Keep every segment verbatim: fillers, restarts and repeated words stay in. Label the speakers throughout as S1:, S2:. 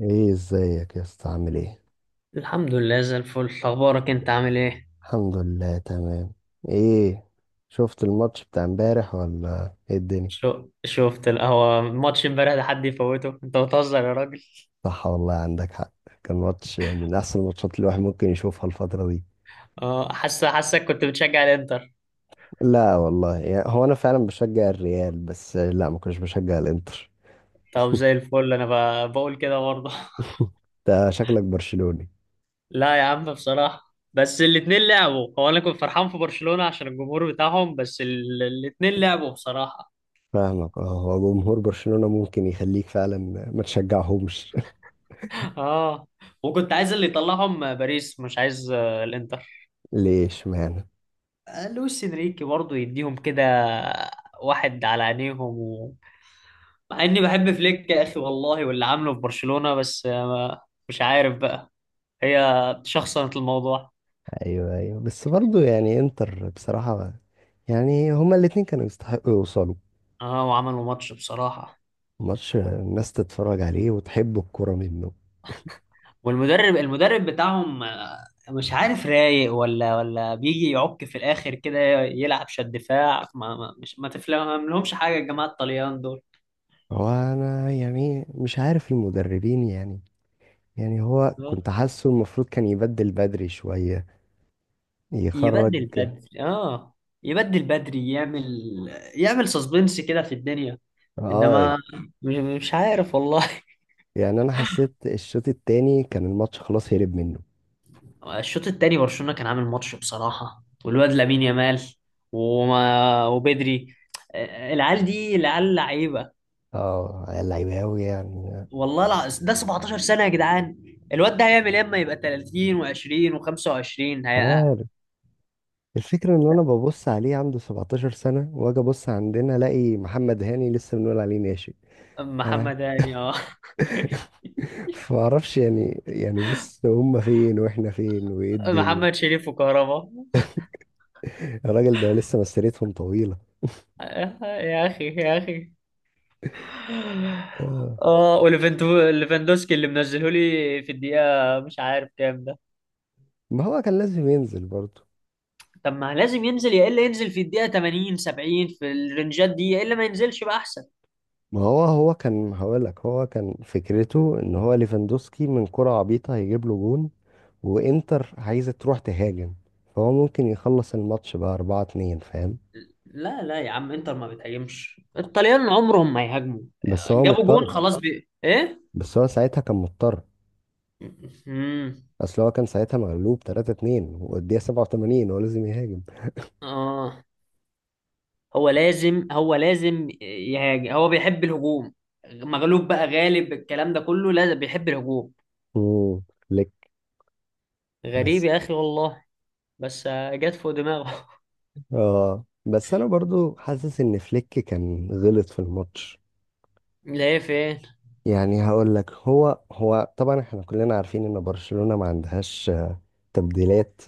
S1: ايه ازيك يا اسطى عامل ايه؟
S2: الحمد لله زي الفل. اخبارك انت عامل ايه؟
S1: الحمد لله تمام. ايه؟ شفت الماتش بتاع امبارح ولا ايه الدنيا؟
S2: شو شفت القهوة، ماتش امبارح ده حد يفوته؟ انت بتهزر يا راجل.
S1: صح والله عندك حق. كان ماتش من احسن الماتشات اللي الواحد ممكن يشوفها الفترة دي.
S2: اه حاسس حاسك كنت بتشجع الانتر.
S1: لا والله، يعني هو انا فعلا بشجع الريال بس لا ما كنتش بشجع الانتر.
S2: طب زي الفل انا. ب- بقول كده برضه.
S1: انت شكلك برشلوني؟
S2: لا يا عم بصراحة، بس الاتنين لعبوا. هو انا كنت فرحان في برشلونة عشان الجمهور بتاعهم، بس ال- الاتنين لعبوا بصراحة.
S1: فاهمك، اه هو جمهور برشلونة ممكن يخليك فعلا ما تشجعهمش.
S2: اه، وكنت عايز اللي يطلعهم باريس، مش عايز آه، الانتر.
S1: ليش معنى؟
S2: آه، لويس انريكي برضه يديهم كده واحد على عينيهم. مع اني بحب فليك يا اخي والله، واللي عامله في برشلونة، بس آه، مش عارف بقى. هي شخصنت الموضوع.
S1: ايوه ايوه، بس برضو يعني انتر بصراحة. يعني هما الاتنين كانوا يستحقوا يوصلوا.
S2: اه وعملوا ماتش بصراحة.
S1: ماتش الناس تتفرج عليه وتحب الكرة منه.
S2: والمدرب المدرب بتاعهم آه، مش عارف رايق ولا ولا بيجي يعك في الاخر كده، يلعب شد دفاع. ما ما مش ما تفهم لهمش حاجة الجماعة الطليان دول.
S1: هو انا يعني مش عارف المدربين يعني. يعني هو
S2: آه،
S1: كنت حاسه المفروض كان يبدل بدري شوية يخرج.
S2: يبدل بدري اه، يبدل بدري، يعمل يعمل سسبنس كده في الدنيا.
S1: اه.
S2: انما مش مش عارف والله.
S1: يعني انا حسيت الشوط التاني كان الماتش خلاص هرب منه.
S2: الشوط التاني برشلونة كان عامل ماتش بصراحة، والواد لامين يامال، وما وبدري. آه، العيال دي، العيال لعيبة
S1: اه اللعيبة اوي يعني.
S2: والله. الع... ده سبعتاشر سنة يا جدعان. الواد ده هيعمل ايه اما يبقى تلاتين و20 و25؟
S1: مش
S2: هي...
S1: عارف. الفكرة ان انا ببص عليه عنده 17 سنة واجي ابص عندنا الاقي محمد هاني لسه بنقول عليه ناشئ. ف-
S2: محمد هاني؟ اه
S1: فمعرفش يعني يعني بص هم فين واحنا فين وايه الدنيا.
S2: محمد شريف وكهربا.
S1: الراجل ده لسه مسيرتهم طويلة.
S2: آه، يا اخي يا اخي.
S1: آه.
S2: اه، وليفاندوسكي اللي منزله لي في الدقيقة مش عارف كام.
S1: ما هو كان لازم ينزل برضه.
S2: طب ما لازم ينزل، يا الا ينزل في الدقيقه تمانين، سبعين، في الرنجات دي، يا الا ما ينزلش بقى احسن.
S1: ما هو هو كان هقولك هو كان فكرته ان هو ليفاندوسكي من كرة عبيطة هيجيب له جون. وانتر عايزة تروح تهاجم. فهو ممكن يخلص الماتش بقى اربعة اتنين فاهم.
S2: لا لا يا عم، انتر ما بتهاجمش، الطليان عمرهم ما يهاجموا.
S1: بس هو
S2: جابوا جون
S1: مضطر.
S2: خلاص والله. بي... ايه.
S1: بس هو ساعتها كان مضطر.
S2: امم
S1: اصل هو كان ساعتها مغلوب تلاتة اتنين والدقيقة سبعة وثمانين هو لازم يهاجم.
S2: اه. هو لازم هو لازم يهاجم، هو بيحب الهجوم. مغلوب بقى غالب الكلام ده كله، لازم بيحب الهجوم.
S1: مم. فليك.
S2: غريب
S1: بس
S2: يا اخي والله. بس آه، جت فوق دماغه.
S1: اه، بس انا برضو حاسس ان فليك كان غلط في الماتش.
S2: لا إيه فين.
S1: يعني هقول لك، هو هو طبعا احنا كلنا عارفين ان برشلونة ما عندهاش آه، تبديلات.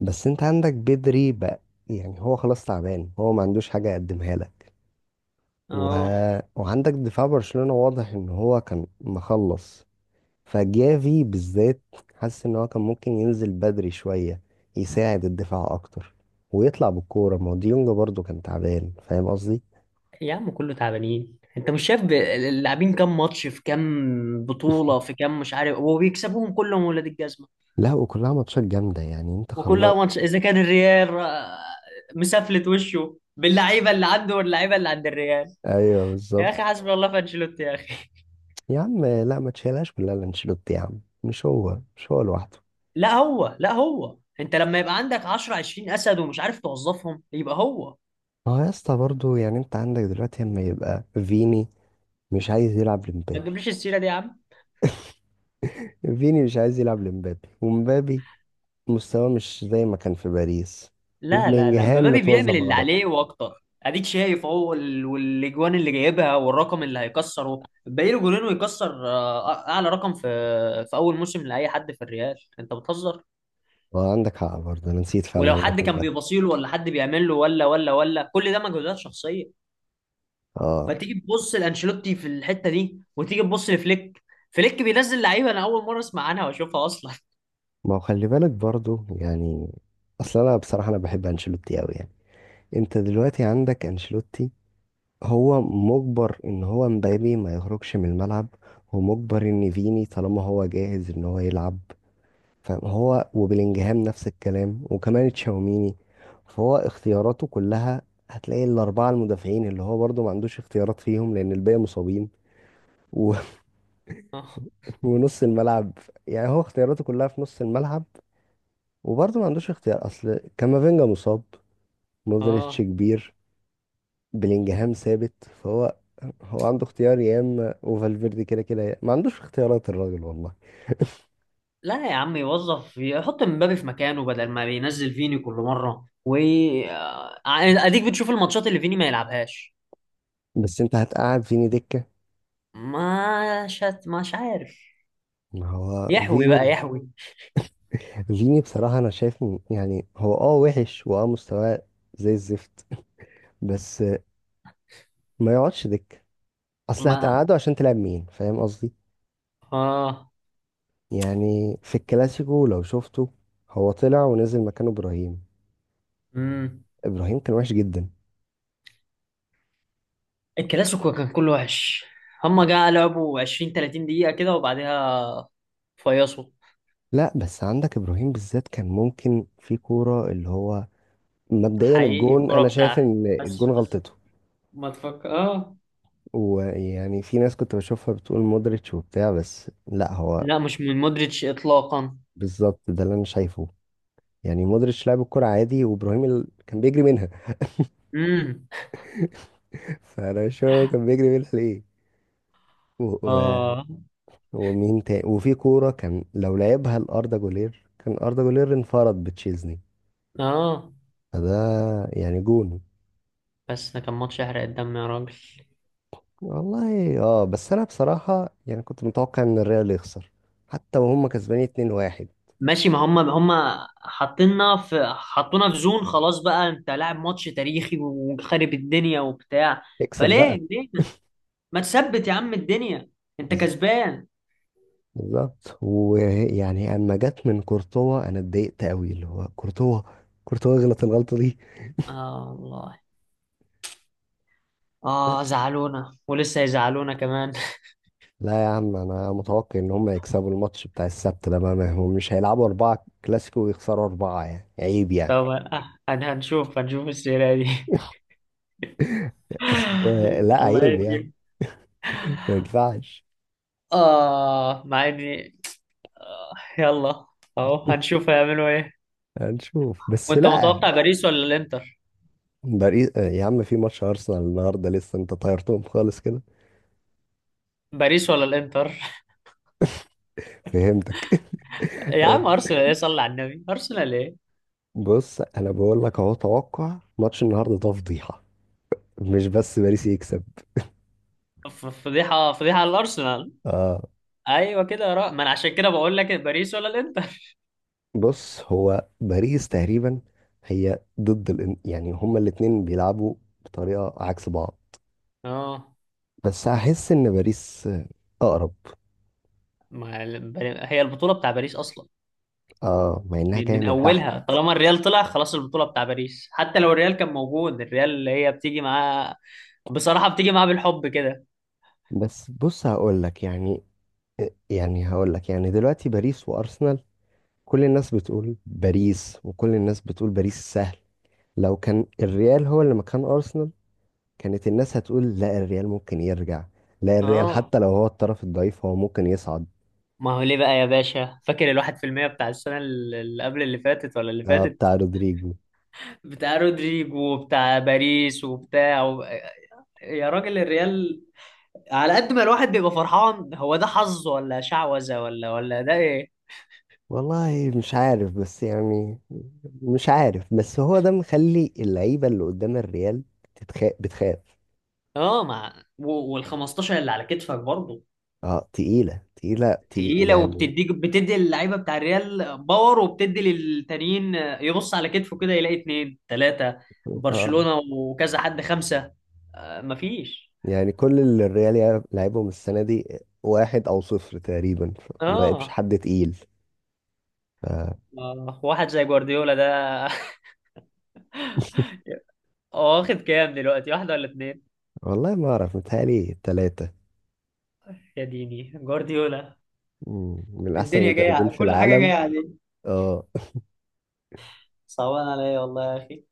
S1: بس انت عندك بدري بقى. يعني هو خلاص تعبان، هو ما عندوش حاجة يقدمها لك و...
S2: اه،
S1: وعندك دفاع برشلونة واضح ان هو كان مخلص. فجافي بالذات حاسس ان هو كان ممكن ينزل بدري شوية يساعد الدفاع اكتر ويطلع بالكورة، ما هو ديونج برضه كان تعبان فاهم قصدي؟
S2: يا عم كله تعبانين، انت مش شايف ب- اللاعبين كام ماتش في كام بطولة في كام مش عارف، وبيكسبوهم كلهم ولاد الجزمة.
S1: لا وكلها ماتشات جامدة يعني انت خلاص.
S2: وكلها ماتش، اذا كان الريال آه، مسفلت وشه باللعيبة اللي عنده، واللعيبة اللي عند الريال.
S1: ايوه
S2: يا
S1: بالظبط.
S2: اخي حسبي الله في انشيلوتي يا اخي.
S1: يا عم لا ما تشيلهاش كلها لانشيلوتي يا عم، مش هو، مش هو لوحده.
S2: لا هو لا هو انت لما يبقى عندك عشرة، عشرين اسد ومش عارف توظفهم، يبقى هو.
S1: ما هو يا اسطى برضه يعني انت عندك دلوقتي اما يبقى فيني مش عايز يلعب
S2: ما
S1: لمبابي.
S2: تجيبليش السيرة دي يا عم.
S1: فيني مش عايز يلعب لمبابي، ومبابي مستواه مش زي ما كان في باريس.
S2: لا لا لا،
S1: وبلينجهام
S2: مبابي
S1: متوظف
S2: بيعمل اللي
S1: غلط.
S2: عليه واكتر، اديك شايف اهو ال- والاجوان اللي جايبها والرقم اللي هيكسره، باقي له جولين ويكسر آه، اعلى رقم في في اول موسم لاي حد في الريال. انت بتهزر.
S1: اه عندك حق برضه انا نسيت فعلا
S2: ولو حد
S1: الرقم
S2: كان
S1: ده.
S2: بيبصيله ولا حد بيعمل له، ولا ولا ولا كل ده مجهودات شخصيه.
S1: اه
S2: فتيجي تبص لانشيلوتي في الحته دي، وتيجي تبص لفليك. فليك بينزل لعيبه انا اول مره اسمع عنها واشوفها اصلا.
S1: ما هو خلي بالك برضه يعني. اصل انا بصراحة انا بحب انشيلوتي قوي يعني. انت دلوقتي عندك انشيلوتي. هو مجبر ان هو مبابي ما يخرجش من الملعب. هو مجبر ان فيني طالما هو جاهز ان هو يلعب. فهو وبلينجهام نفس الكلام وكمان تشاوميني. فهو اختياراته كلها. هتلاقي الاربعه المدافعين اللي هو برضو ما عندوش اختيارات فيهم لان الباقي مصابين و... ونص الملعب. يعني هو اختياراته كلها في نص الملعب. وبرضو ما عندوش اختيار، اصل كامافينجا مصاب. مودريتش
S2: اه.
S1: كبير. بلينجهام ثابت فهو. هو عنده اختيار يا اما وفالفيردي كده كده يا- ما عندوش اختيارات الراجل والله.
S2: لا يا عم، يوظف يحط مبابي في مكانه بدل ما بينزل فيني كل مرة، و آه، يعني اديك بتشوف الماتشات اللي فيني ما يلعبهاش.
S1: بس انت هتقعد فيني دكة.
S2: ما شت مش عارف.
S1: ما هو
S2: يحوي
S1: فيني.
S2: بقى يحوي.
S1: فيني بصراحة انا شايف م- يعني هو اه وحش واه مستواه زي الزفت. بس ما يقعدش دكة. اصل
S2: ما
S1: هتقعده عشان تلعب مين فاهم قصدي؟
S2: اه.
S1: يعني في الكلاسيكو لو شفته هو طلع ونزل مكانه ابراهيم.
S2: امم.
S1: ابراهيم كان وحش جدا.
S2: الكلاسيكو كان كله وحش، هما جا لعبوا عشرين، تلاتين دقيقة كده وبعدها فيصوا.
S1: لا بس عندك ابراهيم بالذات كان ممكن في كورة اللي هو مبدئيا
S2: حقيقي
S1: الجون،
S2: الكرة
S1: انا شايف
S2: بتاعتي.
S1: ان
S2: بس
S1: الجون
S2: بس
S1: غلطته.
S2: ما تفكر اه.
S1: ويعني في ناس كنت بشوفها بتقول مودريتش وبتاع، بس لا هو.
S2: لا مش من مودريتش اطلاقا.
S1: بالظبط ده اللي انا شايفه. يعني مودريتش لعب الكرة عادي وابراهيم ال... كان بيجري منها.
S2: امم
S1: فانا مش فاهم هو كان بيجري منها ليه و... و...
S2: اه
S1: ومين تاني، وفي كورة كان لو لعبها لأردا جولير كان أردا جولير انفرد بتشيزني.
S2: اه.
S1: فده يعني جون.
S2: بس ده كان ماتش يحرق الدم يا راجل.
S1: والله اه، بس انا بصراحة يعني كنت متوقع ان الريال يخسر حتى وهم كسبانين اتنين واحد.
S2: ماشي، ما هم هم حاطيننا في، حطونا في زون خلاص بقى، انت لاعب ماتش تاريخي وخارب الدنيا وبتاع،
S1: اكسب بقى.
S2: فليه ليه. ما تثبت يا عم الدنيا، انت كسبان.
S1: بالظبط، ويعني اما جت من كورتوا انا اتضايقت قوي، اللي هو كورتوا، كورتوا غلط الغلطه دي.
S2: اه والله. اه،
S1: بس.
S2: زعلونا ولسه يزعلونا كمان.
S1: لا يا عم انا متوقع ان هم يكسبوا الماتش بتاع السبت ده بقى، ما هم مش هيلعبوا اربعه كلاسيكو ويخسروا اربعه يعني عيب يعني.
S2: طب آه، هن- هنشوف، هنشوف السيرة دي.
S1: اصل آه، لا
S2: الله
S1: عيب يعني.
S2: يهديك.
S1: ما ينفعش.
S2: اه مع اني آه، يلا، اهو هنشوف هيعملوا ايه.
S1: هنشوف بس
S2: وانت
S1: لا.
S2: متوقع باريس ولا الانتر؟
S1: باريس آه، يا عم في ماتش ارسنال النهارده لسه انت طيرتهم خالص كده.
S2: باريس ولا الانتر؟
S1: فهمتك
S2: يا
S1: آه،
S2: عم ارسنال ايه، صلي على النبي، ارسنال ايه.
S1: بص انا بقول لك اهو توقع ماتش النهارده ده فضيحه. مش بس باريس يكسب.
S2: ف- فضيحه، فضيحه على الارسنال.
S1: اه
S2: ايوه كده يا رأ، ما انا عشان كده بقول لك باريس ولا الانتر.
S1: بص هو باريس تقريبا. هي ضد الإن... يعني هما الاتنين بيلعبوا بطريقة عكس بعض.
S2: اه.
S1: بس هحس ان باريس اقرب.
S2: ما ال- بر- هي البطوله بتاع باريس اصلا،
S1: اه مع انها
S2: من
S1: جاية
S2: من
S1: من تحت.
S2: اولها. طالما الريال طلع خلاص البطوله بتاع باريس، حتى لو الريال كان موجود، الريال اللي هي بتيجي معاه بصراحه، بتيجي معاه بالحب كده.
S1: بس بص هقول لك يعني، آه، يعني هقول لك يعني دلوقتي باريس وارسنال. كل الناس بتقول باريس، وكل الناس بتقول باريس سهل. لو كان الريال هو اللي مكان ارسنال، كانت الناس هتقول لا الريال ممكن يرجع. لا الريال
S2: اه
S1: حتى لو هو الطرف الضعيف هو ممكن يصعد.
S2: ما هو ليه بقى يا باشا، فاكر الواحد في المية بتاع السنة اللي قبل اللي فاتت ولا اللي
S1: آه
S2: فاتت؟
S1: بتاع رودريجو.
S2: بتاع رودريجو وبتاع باريس وبتاع. يا راجل الريال، على قد ما الواحد بيبقى فرحان، هو ده حظ ولا شعوذة ولا ولا ده ايه.
S1: والله مش عارف بس يعني. مش عارف بس هو ده مخلي اللعيبة اللي قدام الريال بتتخاف بتخاف.
S2: اه مع و- وال خمستاشر اللي على كتفك برضه
S1: اه تقيلة تقيلة تي
S2: تقيلة.
S1: يعني.
S2: وبتديك، بتدي اللعيبة بتاع الريال باور، وبتدي للتانيين. يبص على كتفه كده، يلاقي اتنين تلاتة،
S1: اه
S2: برشلونة، وكذا حد، خمسة. آه مفيش.
S1: يعني كل اللي الريال يع- لعبهم السنة دي. واحد أو صفر تقريبا، ف- ما لعبش
S2: اه
S1: حد تقيل ف...
S2: آه، واحد زي جوارديولا ده. هو واخد كام دلوقتي، واحدة ولا اتنين؟
S1: والله ما أعرف متهيألي تلاتة.
S2: يا ديني جوارديولا.
S1: مم، من أحسن
S2: الدنيا جاية
S1: المدربين
S2: على-
S1: في
S2: كل حاجة
S1: العالم.
S2: جاية.
S1: اه
S2: صعبان عليا والله يا اخي.